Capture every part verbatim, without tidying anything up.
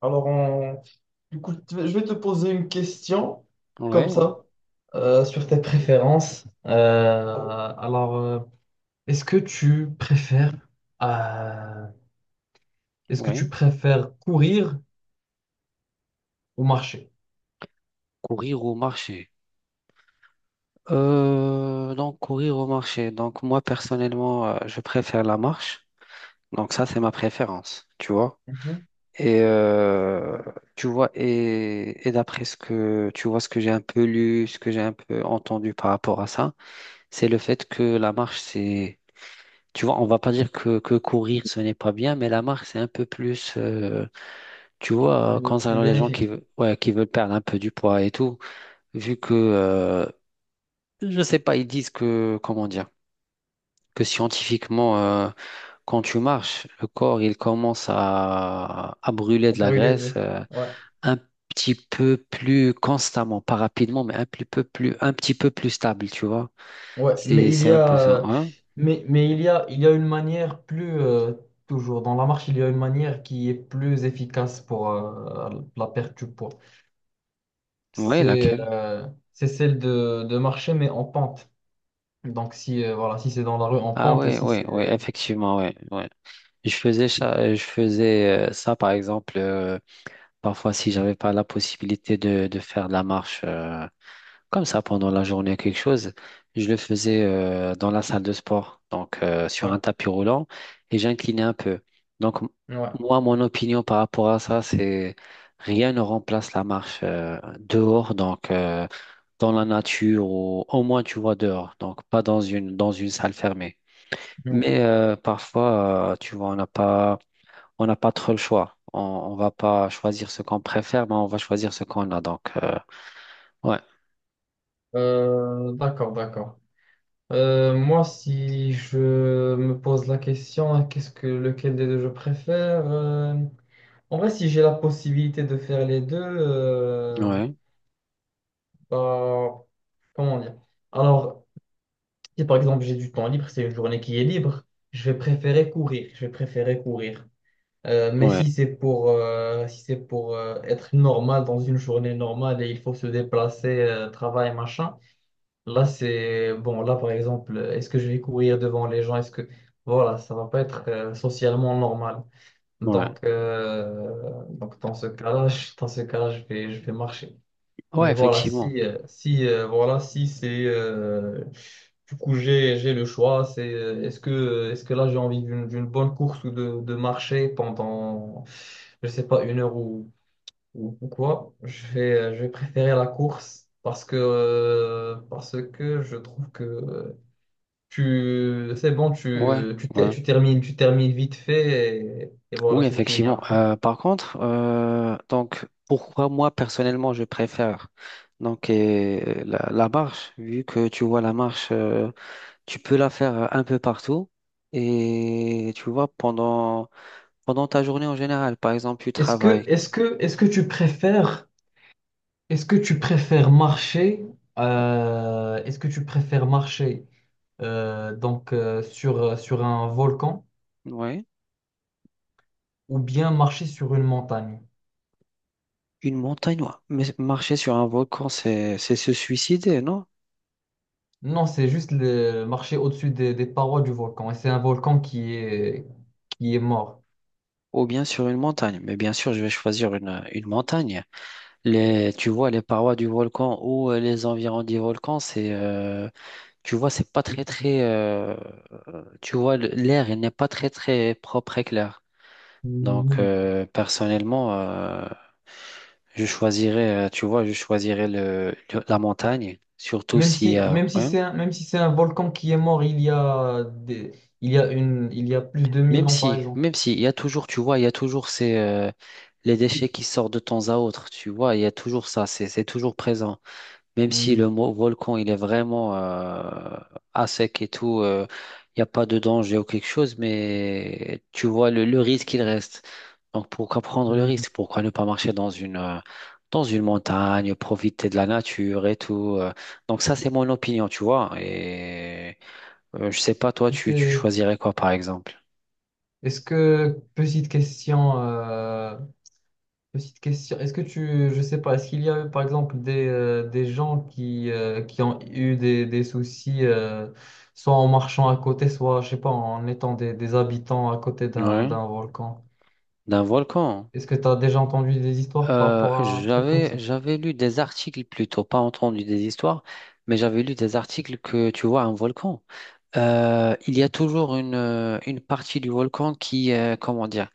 Alors, on- du coup, tu- je vais te poser une question Ouais, comme ouais, ça euh, sur tes préférences. Euh, alors, euh, est-ce que tu préfères, euh, est-ce que ouais. tu préfères courir ou marcher? Courir ou marcher? Euh, donc, courir ou marcher. Donc, moi, personnellement, euh, je préfère la marche. Donc, ça, c'est ma préférence, tu vois. Mhm. Et euh, tu vois, et, et d'après ce que tu vois, ce que j'ai un peu lu, ce que j'ai un peu entendu par rapport à ça, c'est le fait que la marche, c'est, tu vois, on va pas dire que, que courir, ce n'est pas bien, mais la marche, c'est un peu plus, euh, tu vois, euh, Le plus concernant les gens qui, bénéfique. ve- ouais, qui veulent perdre un peu du poids et tout vu que euh, je sais pas, ils disent que, comment dire, que scientifiquement, euh, quand tu marches, le corps, il commence à, à brûler de Pour la les graisse, deux. euh, Ouais. un petit peu plus constamment, pas rapidement, mais un petit peu plus, un petit peu plus stable, tu vois. Ouais. Mais C'est, il c'est y un peu a, ça. euh, Hein? mais, mais il y a, il y a une manière plus euh, toujours dans la marche, il y a une manière qui est plus efficace pour euh, la perte du poids. Ouais, c'est laquelle? euh, c'est celle de, de marcher, mais en pente. Donc, si, euh, voilà, si c'est dans la rue, en Ah pente, et ouais, si ouais, ouais, c'est... effectivement, ouais, ouais. Je faisais ça, je faisais euh, ça, par exemple. euh, Parfois, si j'avais pas la possibilité de, de faire de la marche, euh, comme ça pendant la journée, quelque chose, je le faisais euh, dans la salle de sport, donc euh, sur Ouais, un tapis roulant, et j'inclinais un peu. Donc, m- ouais. Moi, mon opinion par rapport à ça, c'est rien ne remplace la marche, euh, dehors, donc euh, dans la nature, ou au moins, tu vois, dehors, donc pas dans une, dans une salle fermée. Mm. Mais euh, parfois, euh, tu vois, on n'a pas on n'a pas trop le choix. On, on va pas choisir ce qu'on préfère, mais on va choisir ce qu'on a. Donc, euh, ouais, Euh, d'accord, d'accord. Euh, moi, si je me pose la question, qu'est-ce que lequel des deux je préfère? Euh, en vrai, si j'ai la possibilité de faire les deux, euh, ouais, bah, comment dire? Alors, si par exemple j'ai du temps libre, c'est une journée qui est libre, je vais préférer courir. Je vais préférer courir. Euh, mais ouais, si c'est pour, euh, si c'est pour euh, être normal dans une journée normale et il faut se déplacer, euh, travail, machin, là c'est bon. Là par exemple, euh, est-ce que je vais courir devant les gens? Est-ce que Voilà, ça va pas être euh, socialement normal. ouais, Donc, euh, donc dans ce cas-là, je- dans ce cas-là, je vais, je vais marcher. ouais, Mais voilà, effectivement, si, euh, si, euh, voilà, si c'est... euh, du coup, j'ai, j'ai le choix. C'est, euh, est-ce que, est-ce que là, j'ai envie d'une, d'une bonne course ou de, de marcher pendant, je sais pas, une heure ou, ou, ou quoi? Je vais, euh, je vais préférer la course parce que, euh, parce que je trouve que euh, tu, c'est bon, ouais, tu, tu, ter- ouais, tu termines, tu termines vite fait et, et voilà, oui, c'est fini effectivement. après. Euh, par contre, euh, donc, pourquoi moi personnellement je préfère donc euh, la, la marche, vu que tu vois la marche, euh, tu peux la faire euh, un peu partout et tu vois pendant pendant ta journée en général. Par exemple, tu Est-ce que, travailles, est-ce que, Est-ce que tu préfères... Est-ce que tu préfères marcher, euh, est-ce que tu préfères marcher euh, donc euh, sur, euh, sur un volcan ouais. ou bien marcher sur une montagne? Une montagne, ouais. Mais marcher sur un volcan, c'est c'est se suicider, non? Non, c'est juste le, marcher au-dessus des, des parois du volcan. Et c'est un volcan qui est, qui est mort. Ou bien sur une montagne. Mais bien sûr, je vais choisir une, une montagne. Les, tu vois, les parois du volcan ou euh, les environs du volcan, c'est, euh, tu vois, c'est pas très très, euh, tu vois, le- l'air, il n'est pas très très propre et clair. Donc, Mhm. euh, personnellement, euh, je choisirais, euh, tu vois, je choisirais le, le- la montagne, surtout Même si, si, euh, même si ouais. c'est un, même si c'est un volcan qui est mort il y a des, il y a une, il y a plus de mille Même ans, par si, exemple. même si, il y a toujours, tu vois, il y a toujours ces, euh, les déchets qui sortent de temps à autre, tu vois, il y a toujours ça, c'est, c'est toujours présent. Même si Mhm. le mo- volcan, il est vraiment euh, à sec et tout, euh, il n'y a pas de danger ou quelque chose, mais tu vois le, le risque, il reste. Donc pourquoi prendre le Hmm. risque? Pourquoi ne pas marcher dans une, euh, dans une montagne, profiter de la nature et tout. euh. Donc ça, c'est mon opinion, tu vois. Et euh, je sais pas, toi, tu, tu C'est- choisirais quoi, par exemple? Est-ce que, petite question, euh, petite question, est-ce que tu, je sais pas, est-ce qu'il y a eu par exemple des, euh, des gens qui, euh, qui ont eu des, des soucis, euh, soit en marchant à côté, soit, je sais pas, en étant des, des habitants à côté d'un Ouais, d'un volcan? d'un volcan. Est-ce que tu as déjà entendu des histoires par Euh, rapport à un truc comme ça? j'avais j'avais lu des articles plutôt, pas entendu des histoires, mais j'avais lu des articles que tu vois un volcan. Euh, il y a toujours une, euh, une partie du volcan qui, euh, comment dire,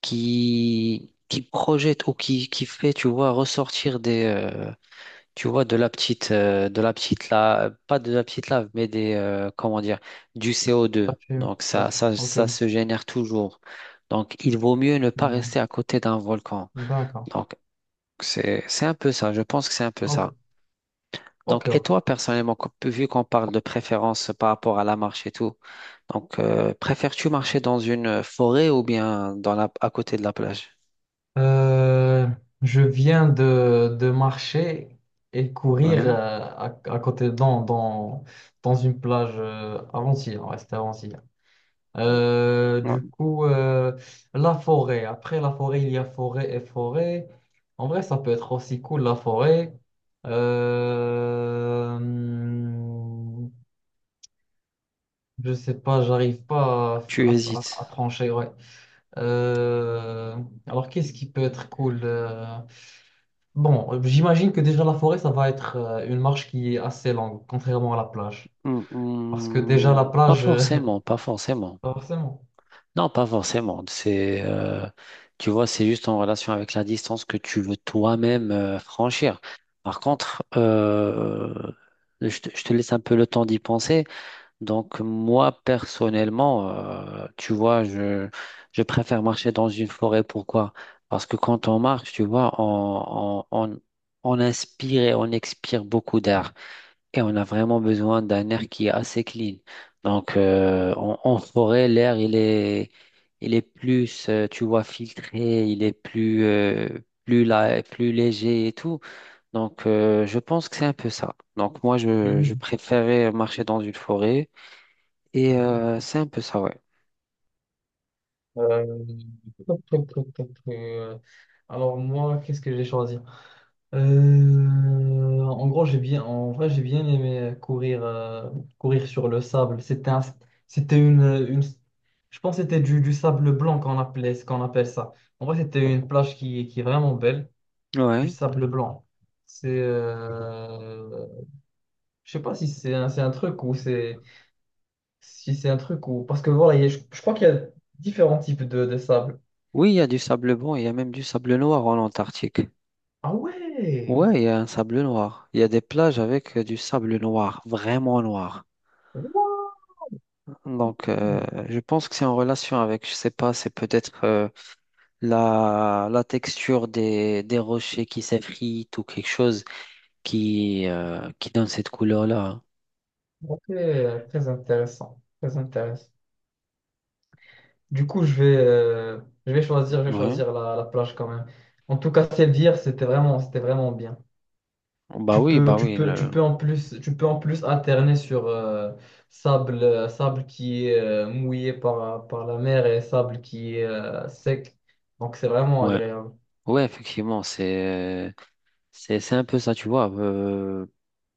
qui, qui projette ou qui, qui fait, tu vois, ressortir des, euh, tu vois, de la petite, euh, de la petite lave, pas de la petite lave, mais des, euh, comment dire, du La C O deux. fume, Donc la ça, fume, ça, ok. ça se génère toujours. Donc il vaut mieux ne pas Hmm. rester à côté d'un volcan. D'accord. Donc c'est, c'est un peu ça. Je pense que c'est un peu ça. Ok, ok, Donc, et ok. toi, personnellement, co- vu qu'on parle de préférence par rapport à la marche et tout, donc euh, préfères-tu marcher dans une forêt ou bien dans la, à côté de la plage? Euh, je viens de, de marcher et courir euh, Ouais. à, à côté dans, dans, dans une plage euh, avant-hier, ouais, c'était avant-hier. Euh, du coup, euh, la forêt. Après la forêt, il y a forêt et forêt. En vrai, ça peut être aussi cool, la forêt. Euh, hum, je sais pas, j'arrive pas Tu à, à- hésites. à- à trancher, ouais. Euh, alors, Qu'est-ce qui peut être cool? Euh, Bon, euh, j'imagine que déjà la forêt, ça va être euh, une marche qui est assez longue, contrairement à la plage. Hmm, Parce que déjà la hmm, pas plage, euh, forcément, pas forcément. pas forcément. Non, pas forcément. C'est, euh, tu vois, c'est juste en relation avec la distance que tu veux toi-même, euh, franchir. Par contre, euh, je te, je te laisse un peu le temps d'y penser. Donc, moi, personnellement, euh, tu vois, je, je préfère marcher dans une forêt. Pourquoi? Parce que quand on marche, tu vois, on, on, on on inspire et on expire beaucoup d'air. Et on a vraiment besoin d'un air qui est assez clean. Donc, euh, en, en forêt, l'air, il est, il est plus, euh, tu vois, filtré, il est plus, euh, plus, la- plus léger et tout. Donc, euh, je pense que c'est un peu ça. Donc, moi, je, je Mhm. préférais marcher dans une forêt. Et euh, c'est un peu ça, ouais. Euh, Toc, toc, toc, toc, toc. euh, Alors moi, qu'est-ce que j'ai choisi? Euh, en gros, j'ai bien, en vrai, j'ai bien aimé courir, euh, courir sur le sable. C'était un- c'était une, une, Je pense que c'était du, du sable blanc qu'on appelait, ce qu'on appelle ça. En vrai, c'était une plage qui, qui est vraiment belle. Du Ouais. sable blanc. C'est, euh, je sais pas si c'est un, c'est un truc ou c'est, si c'est un truc ou parce que voilà, il y a- je, je crois qu'il y a différents types de, de sable. Oui, il y a du sable blanc, il y a même du sable noir en Antarctique. Ah ouais. Ouais, il y a un sable noir. Il y a des plages avec euh, du sable noir, vraiment noir. Wow. Donc, euh, je pense que c'est en relation avec, je sais pas, c'est peut-être euh, la, la texture des, des rochers qui s'effritent ou quelque chose qui, euh, qui donne cette couleur-là. Ok, très intéressant, très intéressant. Du coup, je vais, euh, je vais choisir, je vais Ouais. choisir la, la plage quand même. En tout cas, celle d'hier, c'était vraiment, c'était vraiment bien. Bah Tu oui, peux, bah tu oui. Peux, tu Le… peux en plus, tu peux en plus alterner sur euh, sable, euh, sable qui est euh, mouillé par, par la mer et sable qui est euh, sec. Donc c'est vraiment Ouais. agréable. Ouais, effectivement, c'est, c'est, c'est un peu ça, tu vois. Euh,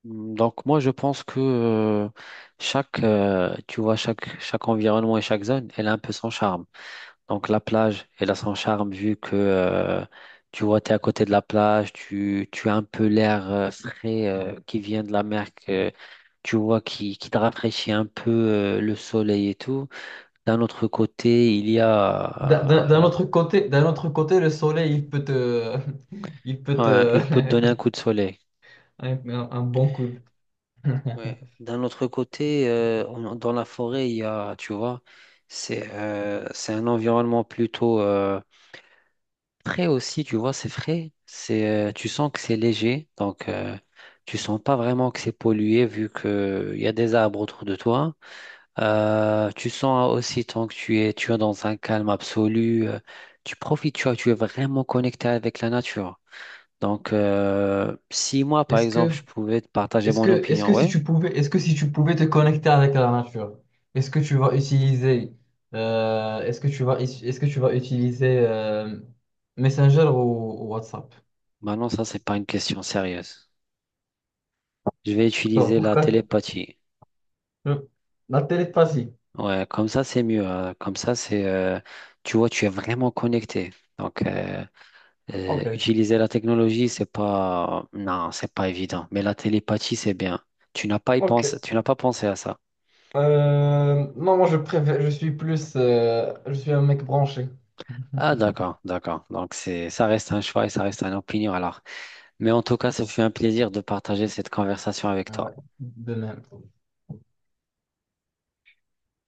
Donc, moi, je pense que euh, chaque, euh, tu vois, chaque, chaque environnement et chaque zone, elle a un peu son charme. Donc la plage, elle a son charme vu que euh, tu vois, tu es à côté de la plage, tu, tu as un peu l'air, euh, frais, euh, qui vient de la mer, que tu vois, qui, qui te rafraîchit un peu, euh, le soleil et tout. D'un autre côté, il y D'un d'un- a… d'un euh, autre côté, D'un autre côté, le soleil, il peut te, il peut ouais, te, il peut te donner un coup de soleil. un, un- bon coup. Ouais. D'un autre côté, euh, on- dans la forêt, il y a, tu vois, c'est euh, c'est un environnement plutôt… Frais aussi, tu vois, c'est frais. C'est, euh, tu sens que c'est léger, donc euh, tu sens pas vraiment que c'est pollué vu que euh, il y a des arbres autour de toi. Euh, tu sens aussi tant que tu es, tu es dans un calme absolu, euh, tu profites, tu vois, tu es vraiment connecté avec la nature. Donc, euh, si moi, par Est-ce exemple, je que, pouvais te partager Est-ce mon que, Est-ce opinion, que si ouais, tu pouvais, est-ce que si tu pouvais te connecter avec la nature, est-ce que tu vas utiliser, euh, est-ce que tu vas, is- est-ce que tu vas utiliser euh, Messenger ou, ou WhatsApp? maintenant ça c'est pas une question sérieuse. Je vais Pourquoi? utiliser la pourquoi télépathie. Je- La télépathie. Ouais, comme ça, c'est mieux. Hein. Comme ça, c'est, euh, tu vois, tu es vraiment connecté. Donc, euh, euh, Ok. utiliser la technologie, c'est pas, non, c'est pas évident. Mais la télépathie, c'est bien. Tu n'as pas y Ok. pensé, tu n'as pas pensé à ça. Euh, non, moi je préfère, je suis plus, euh, je suis un mec branché. Ah, d'accord, d'accord. Donc, c'est, ça reste un choix et ça reste une opinion alors. Mais en tout cas, ça fait un plaisir de partager cette conversation avec Ouais, toi. de même.